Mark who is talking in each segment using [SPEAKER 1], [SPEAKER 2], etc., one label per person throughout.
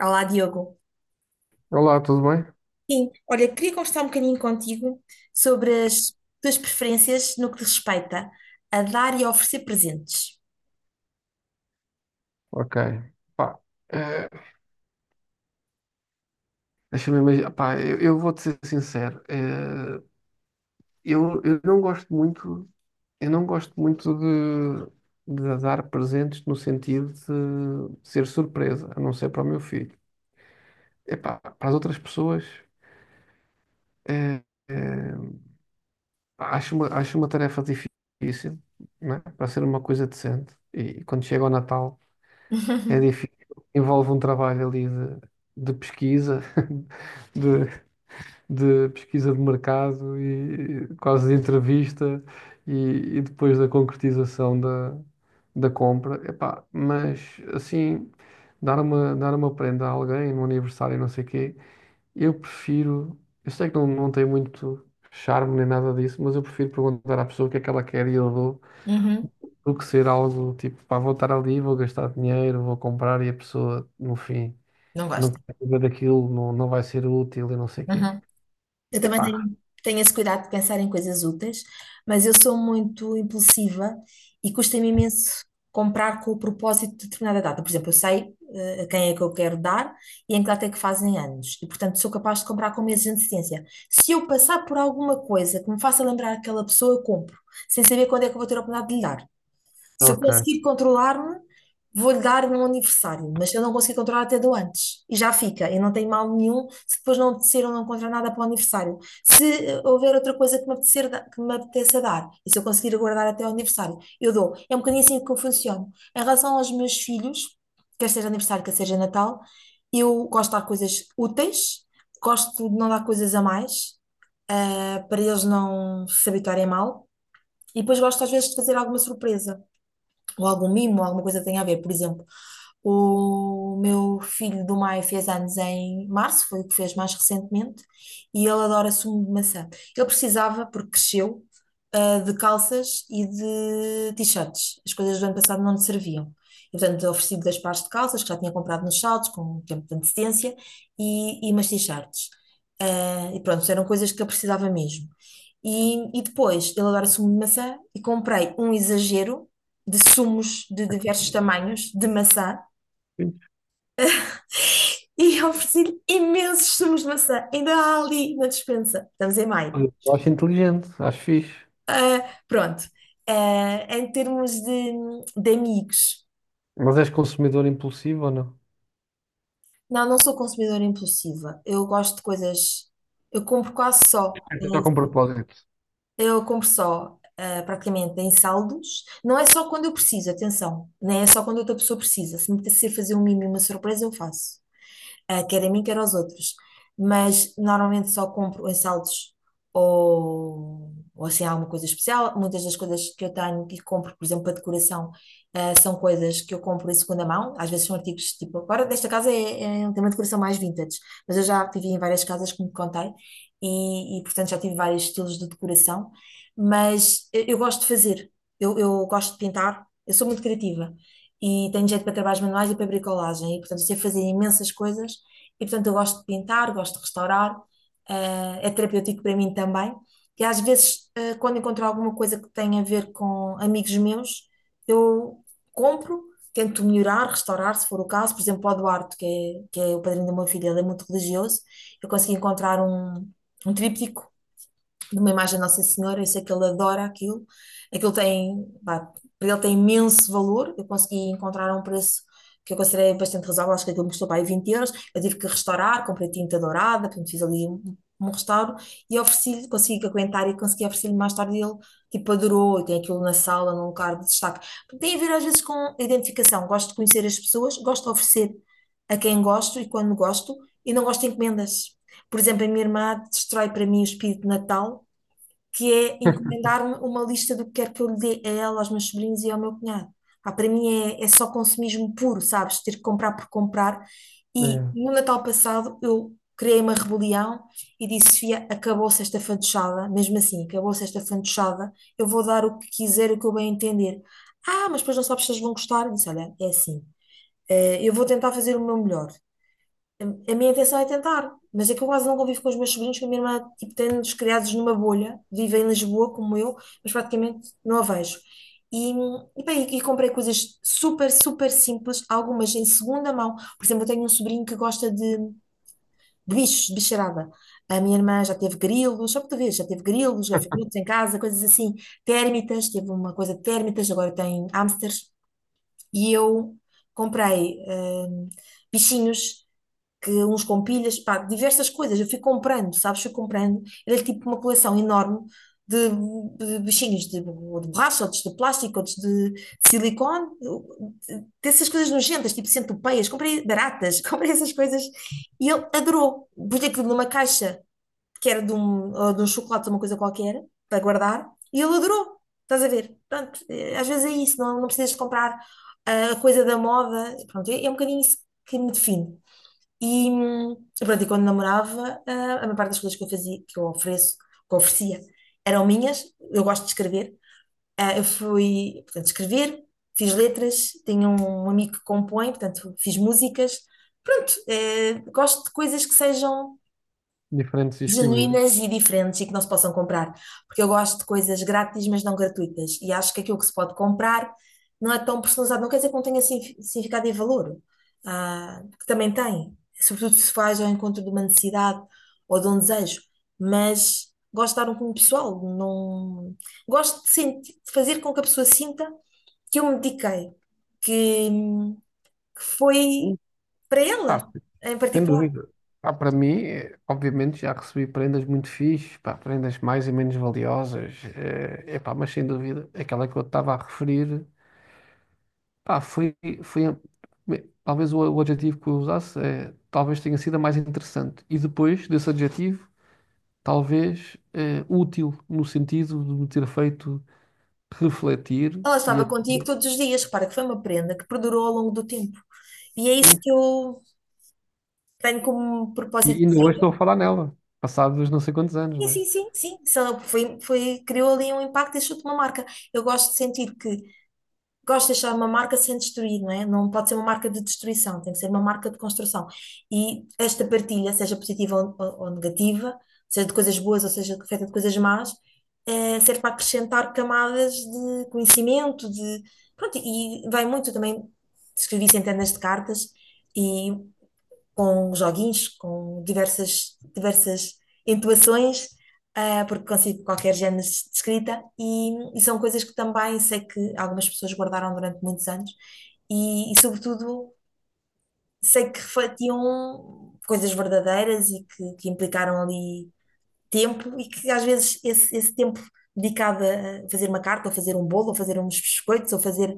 [SPEAKER 1] Olá, Diogo.
[SPEAKER 2] Olá, tudo bem?
[SPEAKER 1] Sim, olha, queria conversar um bocadinho contigo sobre as tuas preferências no que respeita a dar e a oferecer presentes.
[SPEAKER 2] Ok. Pá, eh, deixa-me imaginar. Pá, eu vou-te ser sincero. Eu não gosto muito, eu não gosto muito de dar presentes no sentido de ser surpresa, a não ser para o meu filho. Epá, para as outras pessoas, eh, eh, acho uma tarefa difícil, né? Para ser uma coisa decente. E, quando chega o Natal, é difícil. Envolve um trabalho ali de pesquisa, de, de pesquisa de mercado e quase de entrevista e, e depois da concretização da, da compra. Epá, mas assim, dar uma prenda a alguém no aniversário, e não sei o quê, eu prefiro. Eu sei que não, não tem muito charme nem nada disso, mas eu prefiro perguntar à pessoa o que é que ela quer e eu dou.
[SPEAKER 1] Uhum,
[SPEAKER 2] Do que ser algo tipo, pá, vou estar ali, vou gastar dinheiro, vou comprar e a pessoa, no fim,
[SPEAKER 1] não
[SPEAKER 2] não
[SPEAKER 1] gosto.
[SPEAKER 2] quer saber daquilo, não, não vai ser útil e não sei o quê.
[SPEAKER 1] Eu também
[SPEAKER 2] Epá,
[SPEAKER 1] tenho esse cuidado de pensar em coisas úteis, mas eu sou muito impulsiva e custa-me imenso comprar com o propósito de determinada data. Por exemplo, eu sei a quem é que eu quero dar e em que data é que fazem anos, e portanto sou capaz de comprar com meses de antecedência. Se eu passar por alguma coisa que me faça lembrar aquela pessoa, eu compro, sem saber quando é que eu vou ter a oportunidade de lhe dar. Se eu
[SPEAKER 2] ok.
[SPEAKER 1] conseguir controlar-me, vou-lhe dar no aniversário, mas se eu não conseguir controlar, até dou antes. E já fica, e não tem mal nenhum se depois não apetecer ou não encontrar nada para o aniversário. Se houver outra coisa que me apetecer, que me apeteça dar, e se eu conseguir aguardar até ao aniversário, eu dou. É um bocadinho assim que eu funciono. Em relação aos meus filhos, quer seja aniversário, quer seja Natal, eu gosto de dar coisas úteis, gosto de não dar coisas a mais, para eles não se habituarem mal. E depois gosto às vezes de fazer alguma surpresa ou algum mimo, alguma coisa que tenha a ver. Por exemplo, o meu filho do Maio fez anos em março, foi o que fez mais recentemente, e ele adora sumo de maçã. Ele precisava, porque cresceu, ah, de calças e de t-shirts. As coisas do ano passado não lhe serviam. E, portanto, ofereci-lhe dois pares de calças que já tinha comprado nos saldos, com um tempo de antecedência, e umas t-shirts. Ah, e pronto, eram coisas que ele precisava mesmo. E depois, ele adora sumo de maçã e comprei um exagero de sumos de diversos tamanhos de maçã e eu ofereci-lhe imensos sumos de maçã. Ainda há ali na despensa. Estamos em maio.
[SPEAKER 2] Eu acho inteligente, acho fixe.
[SPEAKER 1] Ah, pronto. Ah, em termos de, amigos,
[SPEAKER 2] Mas és consumidor impulsivo ou não?
[SPEAKER 1] não, não sou consumidora impulsiva. Eu gosto de coisas. Eu compro quase só.
[SPEAKER 2] Já com propósito.
[SPEAKER 1] Eu compro só, ah, praticamente, em saldos. Não é só quando eu preciso, atenção. Nem é só quando outra pessoa precisa. Se me apetecer fazer um mimo e uma surpresa, eu faço. Ah, quer a mim, quer aos outros. Mas normalmente só compro em saldos ou assim alguma coisa especial. Muitas das coisas que eu tenho que compro, por exemplo, para decoração, ah, são coisas que eu compro em segunda mão. Às vezes são artigos tipo, agora desta casa tem uma decoração mais vintage, mas eu já vivi em várias casas, como te contei, e portanto já tive vários estilos de decoração. Mas eu gosto de fazer, eu gosto de pintar, eu sou muito criativa e tenho jeito para trabalhos manuais e para bricolagem, e portanto sei fazer imensas coisas e portanto, eu gosto de pintar, gosto de restaurar, é terapêutico para mim também. E às vezes, quando encontro alguma coisa que tenha a ver com amigos meus, eu compro, tento melhorar, restaurar, se for o caso. Por exemplo, para o Eduardo, que é o padrinho da minha filha, ele é muito religioso. Eu consegui encontrar um, tríptico numa imagem da Nossa Senhora. Eu sei que ele adora aquilo, aquilo tem, pá, para ele tem imenso valor. Eu consegui encontrar um preço que eu considerei bastante razoável, acho que aquilo me custou para aí 20 euros. Eu tive que restaurar, comprei tinta dourada, portanto fiz ali um restauro, e ofereci-lhe, consegui aguentar e consegui oferecer-lhe mais tarde. Ele tipo adorou, e tem aquilo na sala, num lugar de destaque. Tem a ver às vezes com identificação, gosto de conhecer as pessoas, gosto de oferecer a quem gosto e quando gosto, e não gosto de encomendas. Por exemplo, a minha irmã destrói para mim o espírito de Natal, que é encomendar-me uma lista do que quer que eu lhe dê a ela, aos meus sobrinhos e ao meu cunhado. Pá, para mim é só consumismo puro, sabes? Ter que comprar por comprar. E
[SPEAKER 2] É,
[SPEAKER 1] no Natal passado eu criei uma rebelião e disse: Sofia, acabou-se esta fantochada, mesmo assim, acabou-se esta fantochada, eu vou dar o que quiser, o que eu bem entender. Ah, mas depois não sabes se eles vão gostar. Eu disse: olha, é assim, eu vou tentar fazer o meu melhor. A, a minha intenção é tentar, mas é que eu quase não convivo com os meus sobrinhos, que a minha irmã, tipo, tem-nos criados numa bolha, vive em Lisboa, como eu, mas praticamente não a vejo. Bem, e comprei coisas super, super simples, algumas em segunda mão. Por exemplo, eu tenho um sobrinho que gosta de, bichos, de bicharada. A minha irmã já teve grilos, só para tu veres, já teve grilos, gafanhotos em casa, coisas assim. Térmitas, teve uma coisa de térmitas, agora tem hamsters. E eu comprei, bichinhos que uns com pilhas, pá, diversas coisas. Eu fui comprando, sabes? Fui comprando. Era tipo uma coleção enorme de, de bichinhos ou de borracha, outros de plástico, outros de silicone, dessas coisas nojentas, tipo centopeias. Comprei baratas, comprei essas coisas e ele adorou. Pus aquilo numa caixa que era de um, ou de um chocolate, uma coisa qualquer, para guardar, e ele adorou. Estás a ver? Pronto, às vezes é isso, não, não precisas de comprar ah, a coisa da moda. Pronto, é um bocadinho isso que me define. E, pronto, e quando namorava, ah, a maior parte das coisas que eu fazia, que eu oferecia, eram minhas. Eu gosto de escrever. Ah, eu fui, portanto, escrever, fiz letras, tenho um amigo que compõe, portanto, fiz músicas. Pronto, gosto de coisas que sejam
[SPEAKER 2] diferentes e exclusivos.
[SPEAKER 1] genuínas e diferentes e que não se possam comprar. Porque eu gosto de coisas grátis, mas não gratuitas. E acho que aquilo que se pode comprar não é tão personalizado. Não quer dizer que não tenha significado e valor, ah, que também tem. Sobretudo se faz ao encontro de uma necessidade ou de um desejo. Mas gosto de dar um cunho pessoal. Não. Gosto de sentir, de fazer com que a pessoa sinta que eu me dediquei, que
[SPEAKER 2] Hum,
[SPEAKER 1] foi para ela,
[SPEAKER 2] Pá,
[SPEAKER 1] em
[SPEAKER 2] sem
[SPEAKER 1] particular.
[SPEAKER 2] dúvida. Pá, para mim, obviamente, já recebi prendas muito fixes, pá, prendas mais e menos valiosas, é, pá, mas sem dúvida, aquela que eu estava a referir, pá, foi a- me- talvez o adjetivo que eu usasse, talvez tenha sido a mais interessante. E depois desse adjetivo, talvez útil, no sentido de me ter feito refletir
[SPEAKER 1] Ela
[SPEAKER 2] e
[SPEAKER 1] estava
[SPEAKER 2] até.
[SPEAKER 1] contigo todos os dias. Repara que foi uma prenda que perdurou ao longo do tempo. E é isso
[SPEAKER 2] Sim.
[SPEAKER 1] que eu tenho como
[SPEAKER 2] E
[SPEAKER 1] propósito de
[SPEAKER 2] ainda hoje estou a
[SPEAKER 1] vida.
[SPEAKER 2] falar nela, passados não sei quantos anos,
[SPEAKER 1] Sim,
[SPEAKER 2] né?
[SPEAKER 1] sim, sim, sim. Só criou ali um impacto e deixou-te uma marca. Eu gosto de sentir que gosto de deixar uma marca sem destruir, não é? Não pode ser uma marca de destruição, tem que ser uma marca de construção. E esta partilha, seja positiva ou negativa, seja de coisas boas ou seja feita de coisas más, serve para acrescentar camadas de conhecimento. Pronto, e vai muito também, escrevi centenas de cartas, e com joguinhos, com diversas, diversas entoações, ah, porque consigo qualquer género de escrita, e são coisas que também sei que algumas pessoas guardaram durante muitos anos, e sobretudo, sei que refletiam coisas verdadeiras e que implicaram ali tempo, e que às vezes esse tempo dedicado a fazer uma carta, ou fazer um bolo, ou fazer uns biscoitos, ou fazer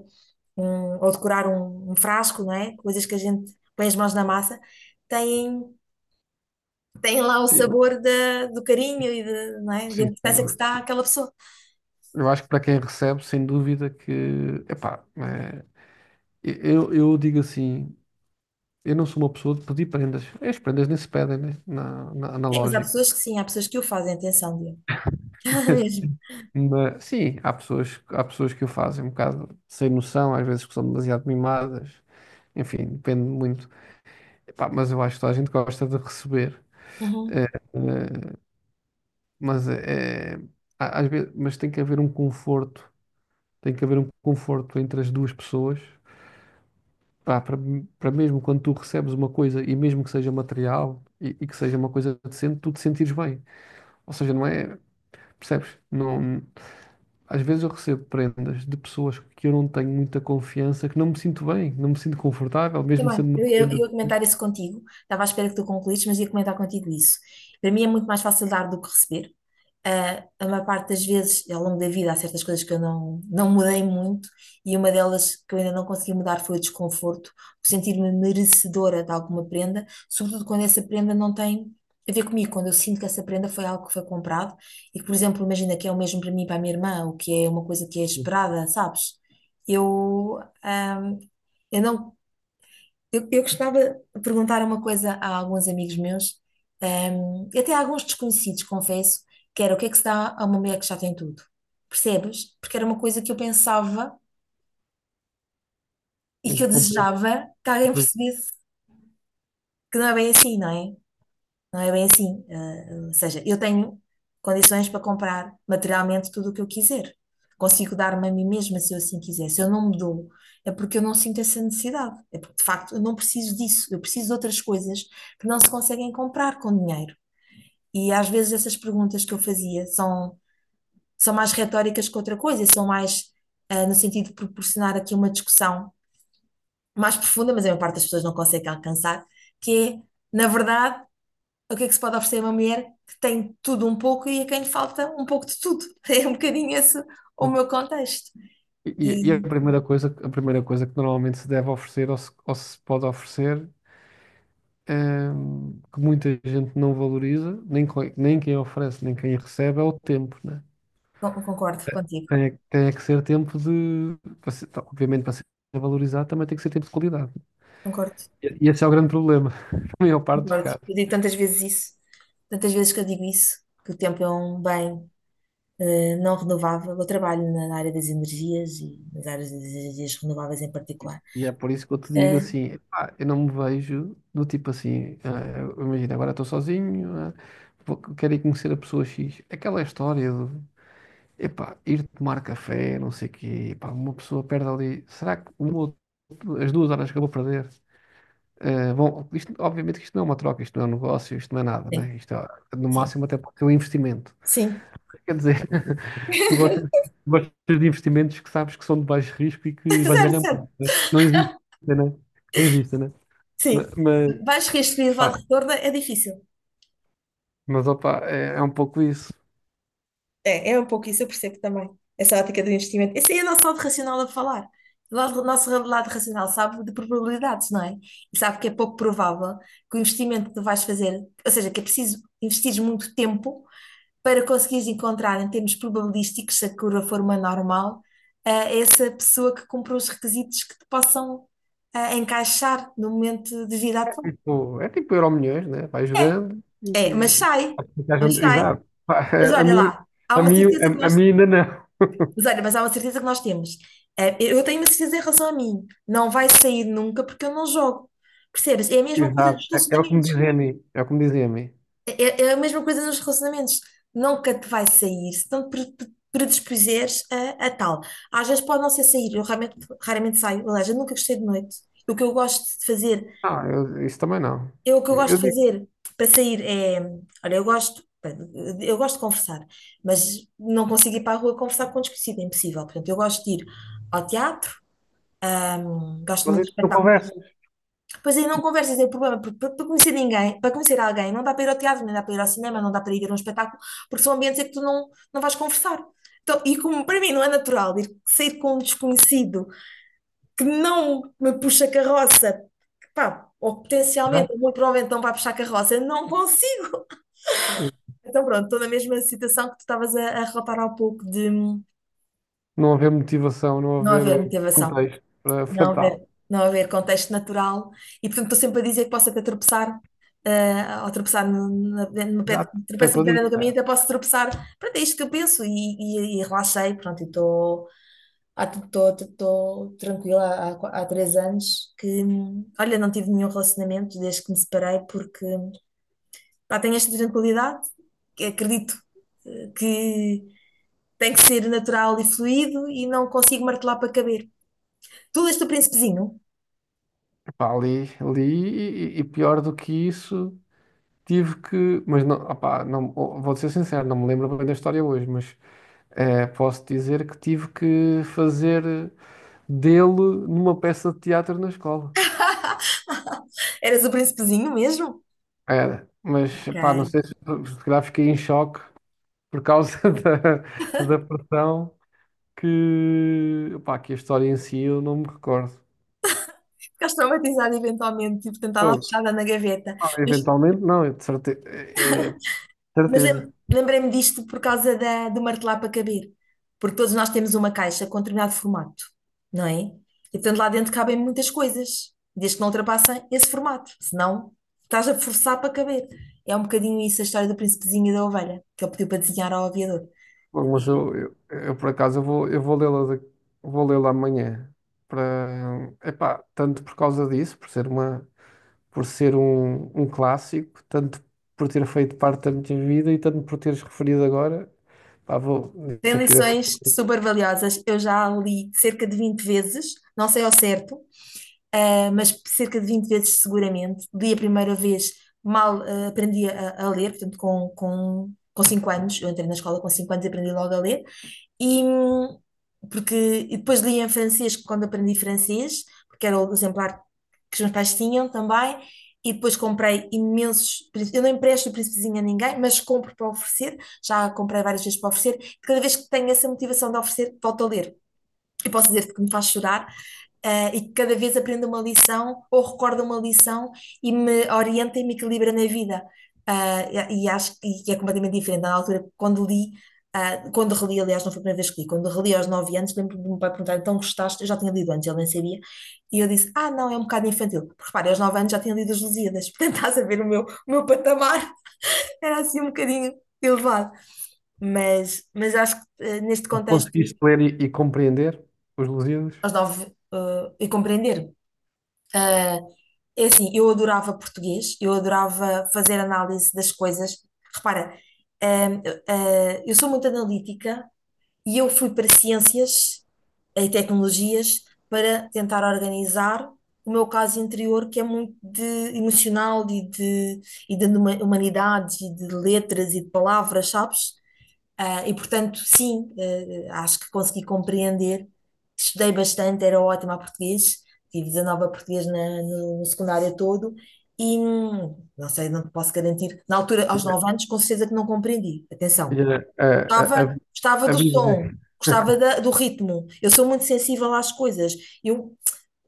[SPEAKER 1] um, ou decorar um, frasco, não é? Coisas que a gente põe as mãos na massa, têm tem lá o
[SPEAKER 2] Sim,
[SPEAKER 1] sabor do carinho e não é? Da
[SPEAKER 2] sim, sem
[SPEAKER 1] importância que se
[SPEAKER 2] dúvida.
[SPEAKER 1] dá àquela pessoa.
[SPEAKER 2] Eu acho que para quem recebe, sem dúvida que. Epá, é, eu digo assim, eu não sou uma pessoa de pedir prendas. É, as prendas nem se pedem, né? Na
[SPEAKER 1] Sim, mas há
[SPEAKER 2] lógica.
[SPEAKER 1] pessoas que sim, há pessoas que o fazem, atenção, Diogo. Mesmo.
[SPEAKER 2] Mas, sim, há pessoas que o fazem um bocado sem noção, às vezes que são demasiado mimadas. Enfim, depende muito. Epá, mas eu acho que toda a gente gosta de receber.
[SPEAKER 1] Uhum.
[SPEAKER 2] eh, eh, mas é, é- há- às vezes, mas tem que haver um conforto, tem que haver um conforto entre as duas pessoas, pá, para, para mesmo quando tu recebes uma coisa e mesmo que seja material e que seja uma coisa decente, tu te sentires bem. Ou seja, não é, percebes? Não, às vezes eu recebo prendas de pessoas que eu não tenho muita confiança, que não me sinto bem, não me sinto confortável, mesmo
[SPEAKER 1] Também.
[SPEAKER 2] sendo uma
[SPEAKER 1] Eu
[SPEAKER 2] prenda
[SPEAKER 1] ia comentar
[SPEAKER 2] decente.
[SPEAKER 1] isso contigo. Estava à espera que tu concluísse, mas ia comentar contigo isso. Para mim é muito mais fácil dar do que receber. Ah, a maior parte das vezes, ao longo da vida, há certas coisas que eu não, não mudei muito, e uma delas que eu ainda não consegui mudar foi o desconforto, o sentir-me merecedora de alguma prenda, sobretudo quando essa prenda não tem a ver comigo, quando eu sinto que essa prenda foi algo que foi comprado e que, por exemplo, imagina que é o mesmo para mim e para a minha irmã, o que é uma coisa que é esperada, sabes? Eu, ah, eu não eu, eu costumava perguntar uma coisa a alguns amigos meus, e até a alguns desconhecidos, confesso, que era o que é que se dá a uma mulher que já tem tudo? Percebes? Porque era uma coisa que eu pensava e que
[SPEAKER 2] Sim,
[SPEAKER 1] eu
[SPEAKER 2] compreendo.
[SPEAKER 1] desejava que alguém percebesse que não é bem assim, não é? Não é bem assim. Ah, ou seja, eu tenho condições para comprar materialmente tudo o que eu quiser. Consigo dar-me a mim mesma se eu assim quiser. Se eu não me dou, é porque eu não sinto essa necessidade. É porque, de facto, eu não preciso disso. Eu preciso de outras coisas que não se conseguem comprar com dinheiro. E às vezes essas perguntas que eu fazia são mais retóricas que outra coisa, são mais, no sentido de proporcionar aqui uma discussão mais profunda, mas a maior parte das pessoas não consegue alcançar, que é, na verdade, o que é que se pode oferecer a uma mulher que tem tudo um pouco e a quem lhe falta um pouco de tudo? É um bocadinho esse o meu contexto.
[SPEAKER 2] E
[SPEAKER 1] E
[SPEAKER 2] a primeira coisa que normalmente se deve oferecer ou se pode oferecer que muita gente não valoriza, nem, co- nem quem oferece, nem quem recebe, é o tempo, né?
[SPEAKER 1] concordo contigo,
[SPEAKER 2] Tem é que ser tempo de. Para ser- tá, obviamente, para ser valorizado, também tem que ser tempo de qualidade.
[SPEAKER 1] concordo,
[SPEAKER 2] E esse é o grande problema, na maior parte dos
[SPEAKER 1] concordo.
[SPEAKER 2] casos.
[SPEAKER 1] Eu digo tantas vezes isso, tantas vezes que eu digo isso, que o tempo é um bem não renovável. Eu trabalho na área das energias e nas áreas das energias renováveis em particular.
[SPEAKER 2] E é por isso que eu te digo
[SPEAKER 1] Eh,
[SPEAKER 2] assim: pá, eu não me vejo do tipo assim, ah, eu- imagina, agora estou sozinho, ah, vou- quero ir conhecer a pessoa X. Aquela história de. Epá, ir tomar café, não sei o quê, epá, uma pessoa perde ali. Será que uma ou as duas horas que eu vou perder. Eh, bom, isto- obviamente que isto não é uma troca, isto não é um negócio, isto não é nada,
[SPEAKER 1] sim,
[SPEAKER 2] né? Isto é, no
[SPEAKER 1] sim,
[SPEAKER 2] máximo até pode ser um investimento.
[SPEAKER 1] sim.
[SPEAKER 2] Quer dizer, tu gostas, gostas de investimentos que sabes que são de baixo risco e que vais
[SPEAKER 1] Certo,
[SPEAKER 2] ganhar
[SPEAKER 1] certo,
[SPEAKER 2] muito, né? Não existe, né? Não existe, né? Ma-
[SPEAKER 1] sim.
[SPEAKER 2] Mas,
[SPEAKER 1] Vais restringir o lado de
[SPEAKER 2] pá,
[SPEAKER 1] retorno, é difícil.
[SPEAKER 2] mas opa, é, é um pouco isso.
[SPEAKER 1] É um pouco isso, eu percebo também. Essa ótica do investimento. Esse aí é o nosso lado racional a falar. O nosso lado racional sabe de probabilidades, não é? E sabe que é pouco provável que o investimento que tu vais fazer, ou seja, que é preciso investir muito tempo para conseguires encontrar, em termos probabilísticos, se a curva for uma normal, essa pessoa que cumpra os requisitos que te possam encaixar no momento de vida atual.
[SPEAKER 2] É tipo Euromilhões, né? Vai
[SPEAKER 1] é
[SPEAKER 2] jogando
[SPEAKER 1] É, mas
[SPEAKER 2] e...
[SPEAKER 1] sai, mas sai.
[SPEAKER 2] Exato. Pá,
[SPEAKER 1] Mas
[SPEAKER 2] a
[SPEAKER 1] olha
[SPEAKER 2] mim,
[SPEAKER 1] lá, há
[SPEAKER 2] a
[SPEAKER 1] uma
[SPEAKER 2] mim,
[SPEAKER 1] certeza que
[SPEAKER 2] a
[SPEAKER 1] nós.
[SPEAKER 2] mim ainda não.
[SPEAKER 1] Mas olha, mas há uma certeza que nós temos. Eu tenho uma certeza em relação a mim. Não vai sair nunca porque eu não jogo. Percebes? É a mesma coisa nos
[SPEAKER 2] Exato. É, é o que me
[SPEAKER 1] relacionamentos.
[SPEAKER 2] dizem a mim. É o que me dizem a mim.
[SPEAKER 1] É a mesma coisa nos relacionamentos. Nunca te vai sair se não te predispuseres a tal. Às vezes pode não ser sair. Eu raramente saio. Aliás, eu nunca gostei de noite. O que eu gosto de fazer,
[SPEAKER 2] Ah, eu- isso também não.
[SPEAKER 1] o que eu gosto
[SPEAKER 2] Eu
[SPEAKER 1] de
[SPEAKER 2] digo,
[SPEAKER 1] fazer para sair é. Olha, eu gosto. Eu gosto de conversar, mas não consigo ir para a rua conversar com um desconhecido, é impossível. Portanto, eu gosto de ir ao teatro. Gosto
[SPEAKER 2] mas
[SPEAKER 1] muito de
[SPEAKER 2] então não
[SPEAKER 1] espetáculos.
[SPEAKER 2] conversas,
[SPEAKER 1] Pois aí não conversas, é o problema, porque para conhecer ninguém, para conhecer alguém, não dá para ir ao teatro, nem dá para ir ao cinema, não dá para ir a um espetáculo, porque são ambientes em que tu não vais conversar. Então, e como para mim não é natural ir sair com um desconhecido que não me puxa carroça, que, pá, ou
[SPEAKER 2] já?
[SPEAKER 1] potencialmente, muito provavelmente não vai puxar carroça, eu não consigo. Então pronto, estou na mesma situação que tu estavas a relatar há pouco de
[SPEAKER 2] Não haver motivação, não
[SPEAKER 1] não haver
[SPEAKER 2] haver
[SPEAKER 1] motivação.
[SPEAKER 2] contexto para para
[SPEAKER 1] não
[SPEAKER 2] tal.
[SPEAKER 1] haver, não haver contexto natural. E, portanto, estou sempre a dizer que posso até tropeçar, ao tropeçar no pé,
[SPEAKER 2] Exato, isso é o
[SPEAKER 1] tropeço
[SPEAKER 2] que
[SPEAKER 1] no
[SPEAKER 2] eu
[SPEAKER 1] pedra
[SPEAKER 2] disse.
[SPEAKER 1] no
[SPEAKER 2] Né?
[SPEAKER 1] caminho, até posso tropeçar. Pronto, é isto que eu penso e relaxei, pronto, e estou ah, estou- estou tranquila há 3 anos que, olha, não tive nenhum relacionamento desde que me separei porque pá, tenho esta tranquilidade, que acredito que tem que ser natural e fluido e não consigo martelar para caber. Tu leste o Príncipezinho?
[SPEAKER 2] Epá, li, li e pior do que isso, tive que. Mas não, opá, não, vou ser sincero, não me lembro bem da história hoje, mas posso dizer que tive que fazer dele numa peça de teatro na escola.
[SPEAKER 1] Eras o príncipezinho mesmo?
[SPEAKER 2] Era, mas
[SPEAKER 1] Ok.
[SPEAKER 2] pá, não sei se, se calhar fiquei em choque por causa da, da pressão. Que, pá, que a história em si eu não me recordo.
[SPEAKER 1] Ficaste traumatizada eventualmente, tipo, tentava
[SPEAKER 2] Fogo,
[SPEAKER 1] fechada na gaveta.
[SPEAKER 2] ah,
[SPEAKER 1] Mas,
[SPEAKER 2] eventualmente, não, é de certeza. É, é de
[SPEAKER 1] mas
[SPEAKER 2] certeza.
[SPEAKER 1] lem- lembrei-me disto por causa da, do martelar para caber. Porque todos nós temos uma caixa com determinado formato, não é? E portanto lá dentro cabem muitas coisas, desde que não ultrapassem esse formato. Senão estás a forçar para caber. É um bocadinho isso a história do príncipezinho e da ovelha, que ele pediu para desenhar ao aviador.
[SPEAKER 2] Fogo, mas eu, por acaso, eu vou lê-la, de- vou lê-la amanhã. Para, epá, tanto por causa disso, por ser uma, por ser um, um clássico, tanto por ter feito parte da minha vida e tanto por teres referido agora. Pá, vou,
[SPEAKER 1] Tem
[SPEAKER 2] isso aqui deve ser.
[SPEAKER 1] lições super valiosas. Eu já a li cerca de 20 vezes, não sei ao certo, mas cerca de 20 vezes seguramente. Li a primeira vez, mal aprendi a ler, portanto, com 5 anos. Eu entrei na escola com 5 anos e aprendi logo a ler. E, hum, porque, e depois li em francês quando aprendi francês, porque era o exemplar que os meus pais tinham também. E depois comprei imensos. Eu não empresto o príncipezinho a ninguém, mas compro para oferecer. Já comprei várias vezes para oferecer. Cada vez que tenho essa motivação de oferecer, volto a ler. Eu posso dizer-te que me faz chorar, e que cada vez aprendo uma lição ou recordo uma lição e me orienta e me equilibra na vida. Ah, e acho que é completamente diferente. Na altura, quando li, quando reli, aliás, não foi a primeira vez que li, quando reli aos 9 anos, lembro do meu pai perguntar, então gostaste? Eu já tinha lido antes, ele nem sabia. E eu disse, ah, não, é um bocado infantil. Porque repara, aos 9 anos já tinha lido As Lusíadas, portanto estás a ver o meu patamar, era assim um bocadinho elevado. Mas acho que neste contexto,
[SPEAKER 2] Conseguiste ler e compreender os Lusíadas?
[SPEAKER 1] aos 9, e compreender. Ah, é assim, eu adorava português, eu adorava fazer análise das coisas. Repara, ah, ah, eu sou muito analítica e eu fui para ciências e tecnologias para tentar organizar o meu caso interior, que é muito de emocional e de, humanidades e de letras e de palavras, sabes? Ah, e portanto, sim, acho que consegui compreender. Estudei bastante, era ótima a português, tive 19 a português no secundário todo e não sei, não te posso garantir. Na altura, aos
[SPEAKER 2] E
[SPEAKER 1] 9 anos, com certeza que não compreendi.
[SPEAKER 2] a,
[SPEAKER 1] Atenção,
[SPEAKER 2] a, a, a,
[SPEAKER 1] gostava, gostava
[SPEAKER 2] a
[SPEAKER 1] do
[SPEAKER 2] Bíblia.
[SPEAKER 1] som, gostava do ritmo. Eu sou muito sensível às coisas. Eu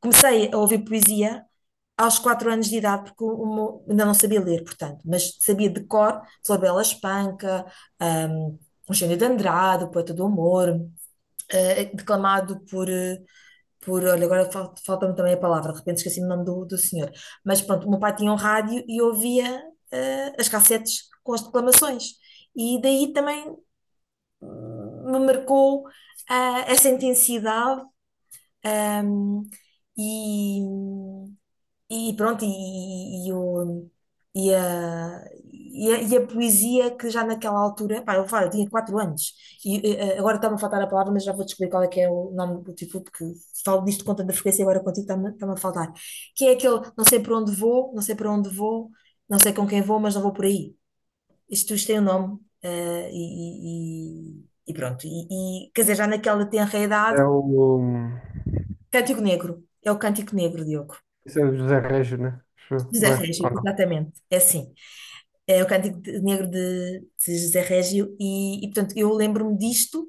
[SPEAKER 1] comecei a ouvir poesia aos 4 anos de idade, porque ainda não sabia ler, portanto, mas sabia de cor Flabela Espanca, um, Eugênio de Andrade, o Poeta do Amor, declamado por, olha, agora falta-me também a palavra, de repente esqueci o nome do senhor, mas pronto, o meu pai tinha um rádio e ouvia as cassetes com as declamações, e daí também me marcou essa intensidade, ah, e, e pronto, e, o, e, a, e, a, e a poesia que já naquela altura, pá, eu, falo, eu tinha 4 anos, e agora está-me a faltar a palavra, mas já vou descobrir qual é que é o nome do título, porque falo disto com tanta frequência e agora contigo está-me a faltar. Que é aquele, não sei para onde vou, não sei para onde vou, não sei com quem vou, mas não vou por aí. Isto tem o nome, pronto. Quer dizer, já naquela tenra
[SPEAKER 2] É
[SPEAKER 1] idade,
[SPEAKER 2] o.
[SPEAKER 1] Cântico Negro, é o Cântico Negro, Diogo.
[SPEAKER 2] Esse é o José Régio, né? Acho eu,
[SPEAKER 1] José
[SPEAKER 2] não é?
[SPEAKER 1] Régio,
[SPEAKER 2] Ou não?
[SPEAKER 1] exatamente, é assim. É o Cântico Negro de José Régio, portanto eu lembro-me disto,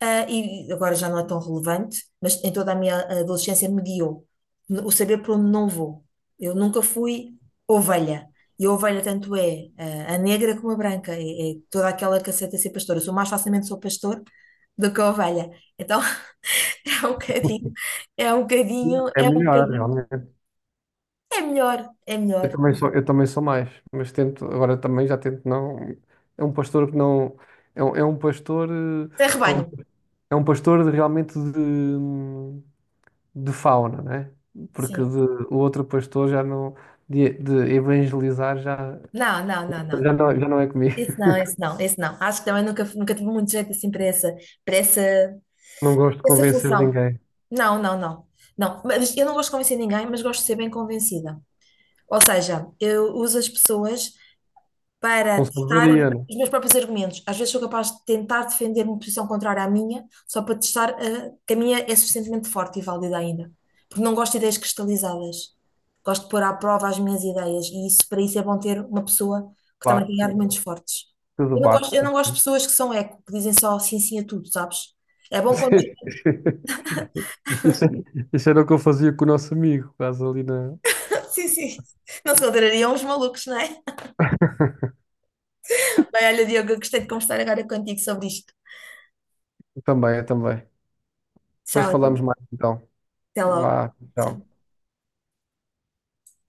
[SPEAKER 1] e agora já não é tão relevante, mas em toda a minha adolescência me guiou o saber por onde não vou. Eu nunca fui ovelha, e a ovelha tanto é a negra como a branca, é toda aquela que aceita ser pastora. Eu sou mais facilmente sou pastor do que a ovelha, então é um bocadinho, é um bocadinho,
[SPEAKER 2] É
[SPEAKER 1] é um
[SPEAKER 2] melhor,
[SPEAKER 1] bocadinho,
[SPEAKER 2] realmente.
[SPEAKER 1] é melhor, é melhor,
[SPEAKER 2] Eu também sou mais, mas tento, agora também já tento não. É um pastor que não. É um pastor.
[SPEAKER 1] é
[SPEAKER 2] É um,
[SPEAKER 1] rebanho,
[SPEAKER 2] é um pastor de- realmente de fauna, né? Porque
[SPEAKER 1] sim.
[SPEAKER 2] de, o outro pastor já não. De evangelizar já,
[SPEAKER 1] Não, não, não, não.
[SPEAKER 2] já não é comigo.
[SPEAKER 1] Isso não, isso não, isso não. Acho que também nunca tive muito jeito assim para essa, para essa,
[SPEAKER 2] Não gosto de
[SPEAKER 1] essa
[SPEAKER 2] convencer
[SPEAKER 1] função.
[SPEAKER 2] ninguém.
[SPEAKER 1] Não, não, não. Não, mas eu não gosto de convencer ninguém, mas gosto de ser bem convencida. Ou seja, eu uso as pessoas
[SPEAKER 2] Com
[SPEAKER 1] para testar
[SPEAKER 2] sabedoria, né?
[SPEAKER 1] os meus próprios argumentos. Às vezes sou capaz de tentar defender uma posição contrária à minha, só para testar, que a minha é suficientemente forte e válida ainda. Porque não gosto de ideias cristalizadas. Gosto de pôr à prova as minhas ideias e isso, para isso é bom ter uma pessoa que também
[SPEAKER 2] Claro,
[SPEAKER 1] tenha
[SPEAKER 2] que
[SPEAKER 1] argumentos fortes.
[SPEAKER 2] tudo
[SPEAKER 1] Eu não gosto, eu
[SPEAKER 2] bate.
[SPEAKER 1] não gosto de pessoas que são eco, que dizem só sim, sim a tudo, sabes? É bom quando.
[SPEAKER 2] Isso, é, isso era o que eu fazia com o nosso amigo, quase ali na.
[SPEAKER 1] Sim, sim. Não se contrariam os malucos, não é? Bem, olha, Diogo, eu gostei de conversar agora contigo sobre isto.
[SPEAKER 2] Também, eu também. Depois
[SPEAKER 1] Tchau, até
[SPEAKER 2] falamos mais então.
[SPEAKER 1] até logo.
[SPEAKER 2] Vá, tchau.
[SPEAKER 1] Tchau.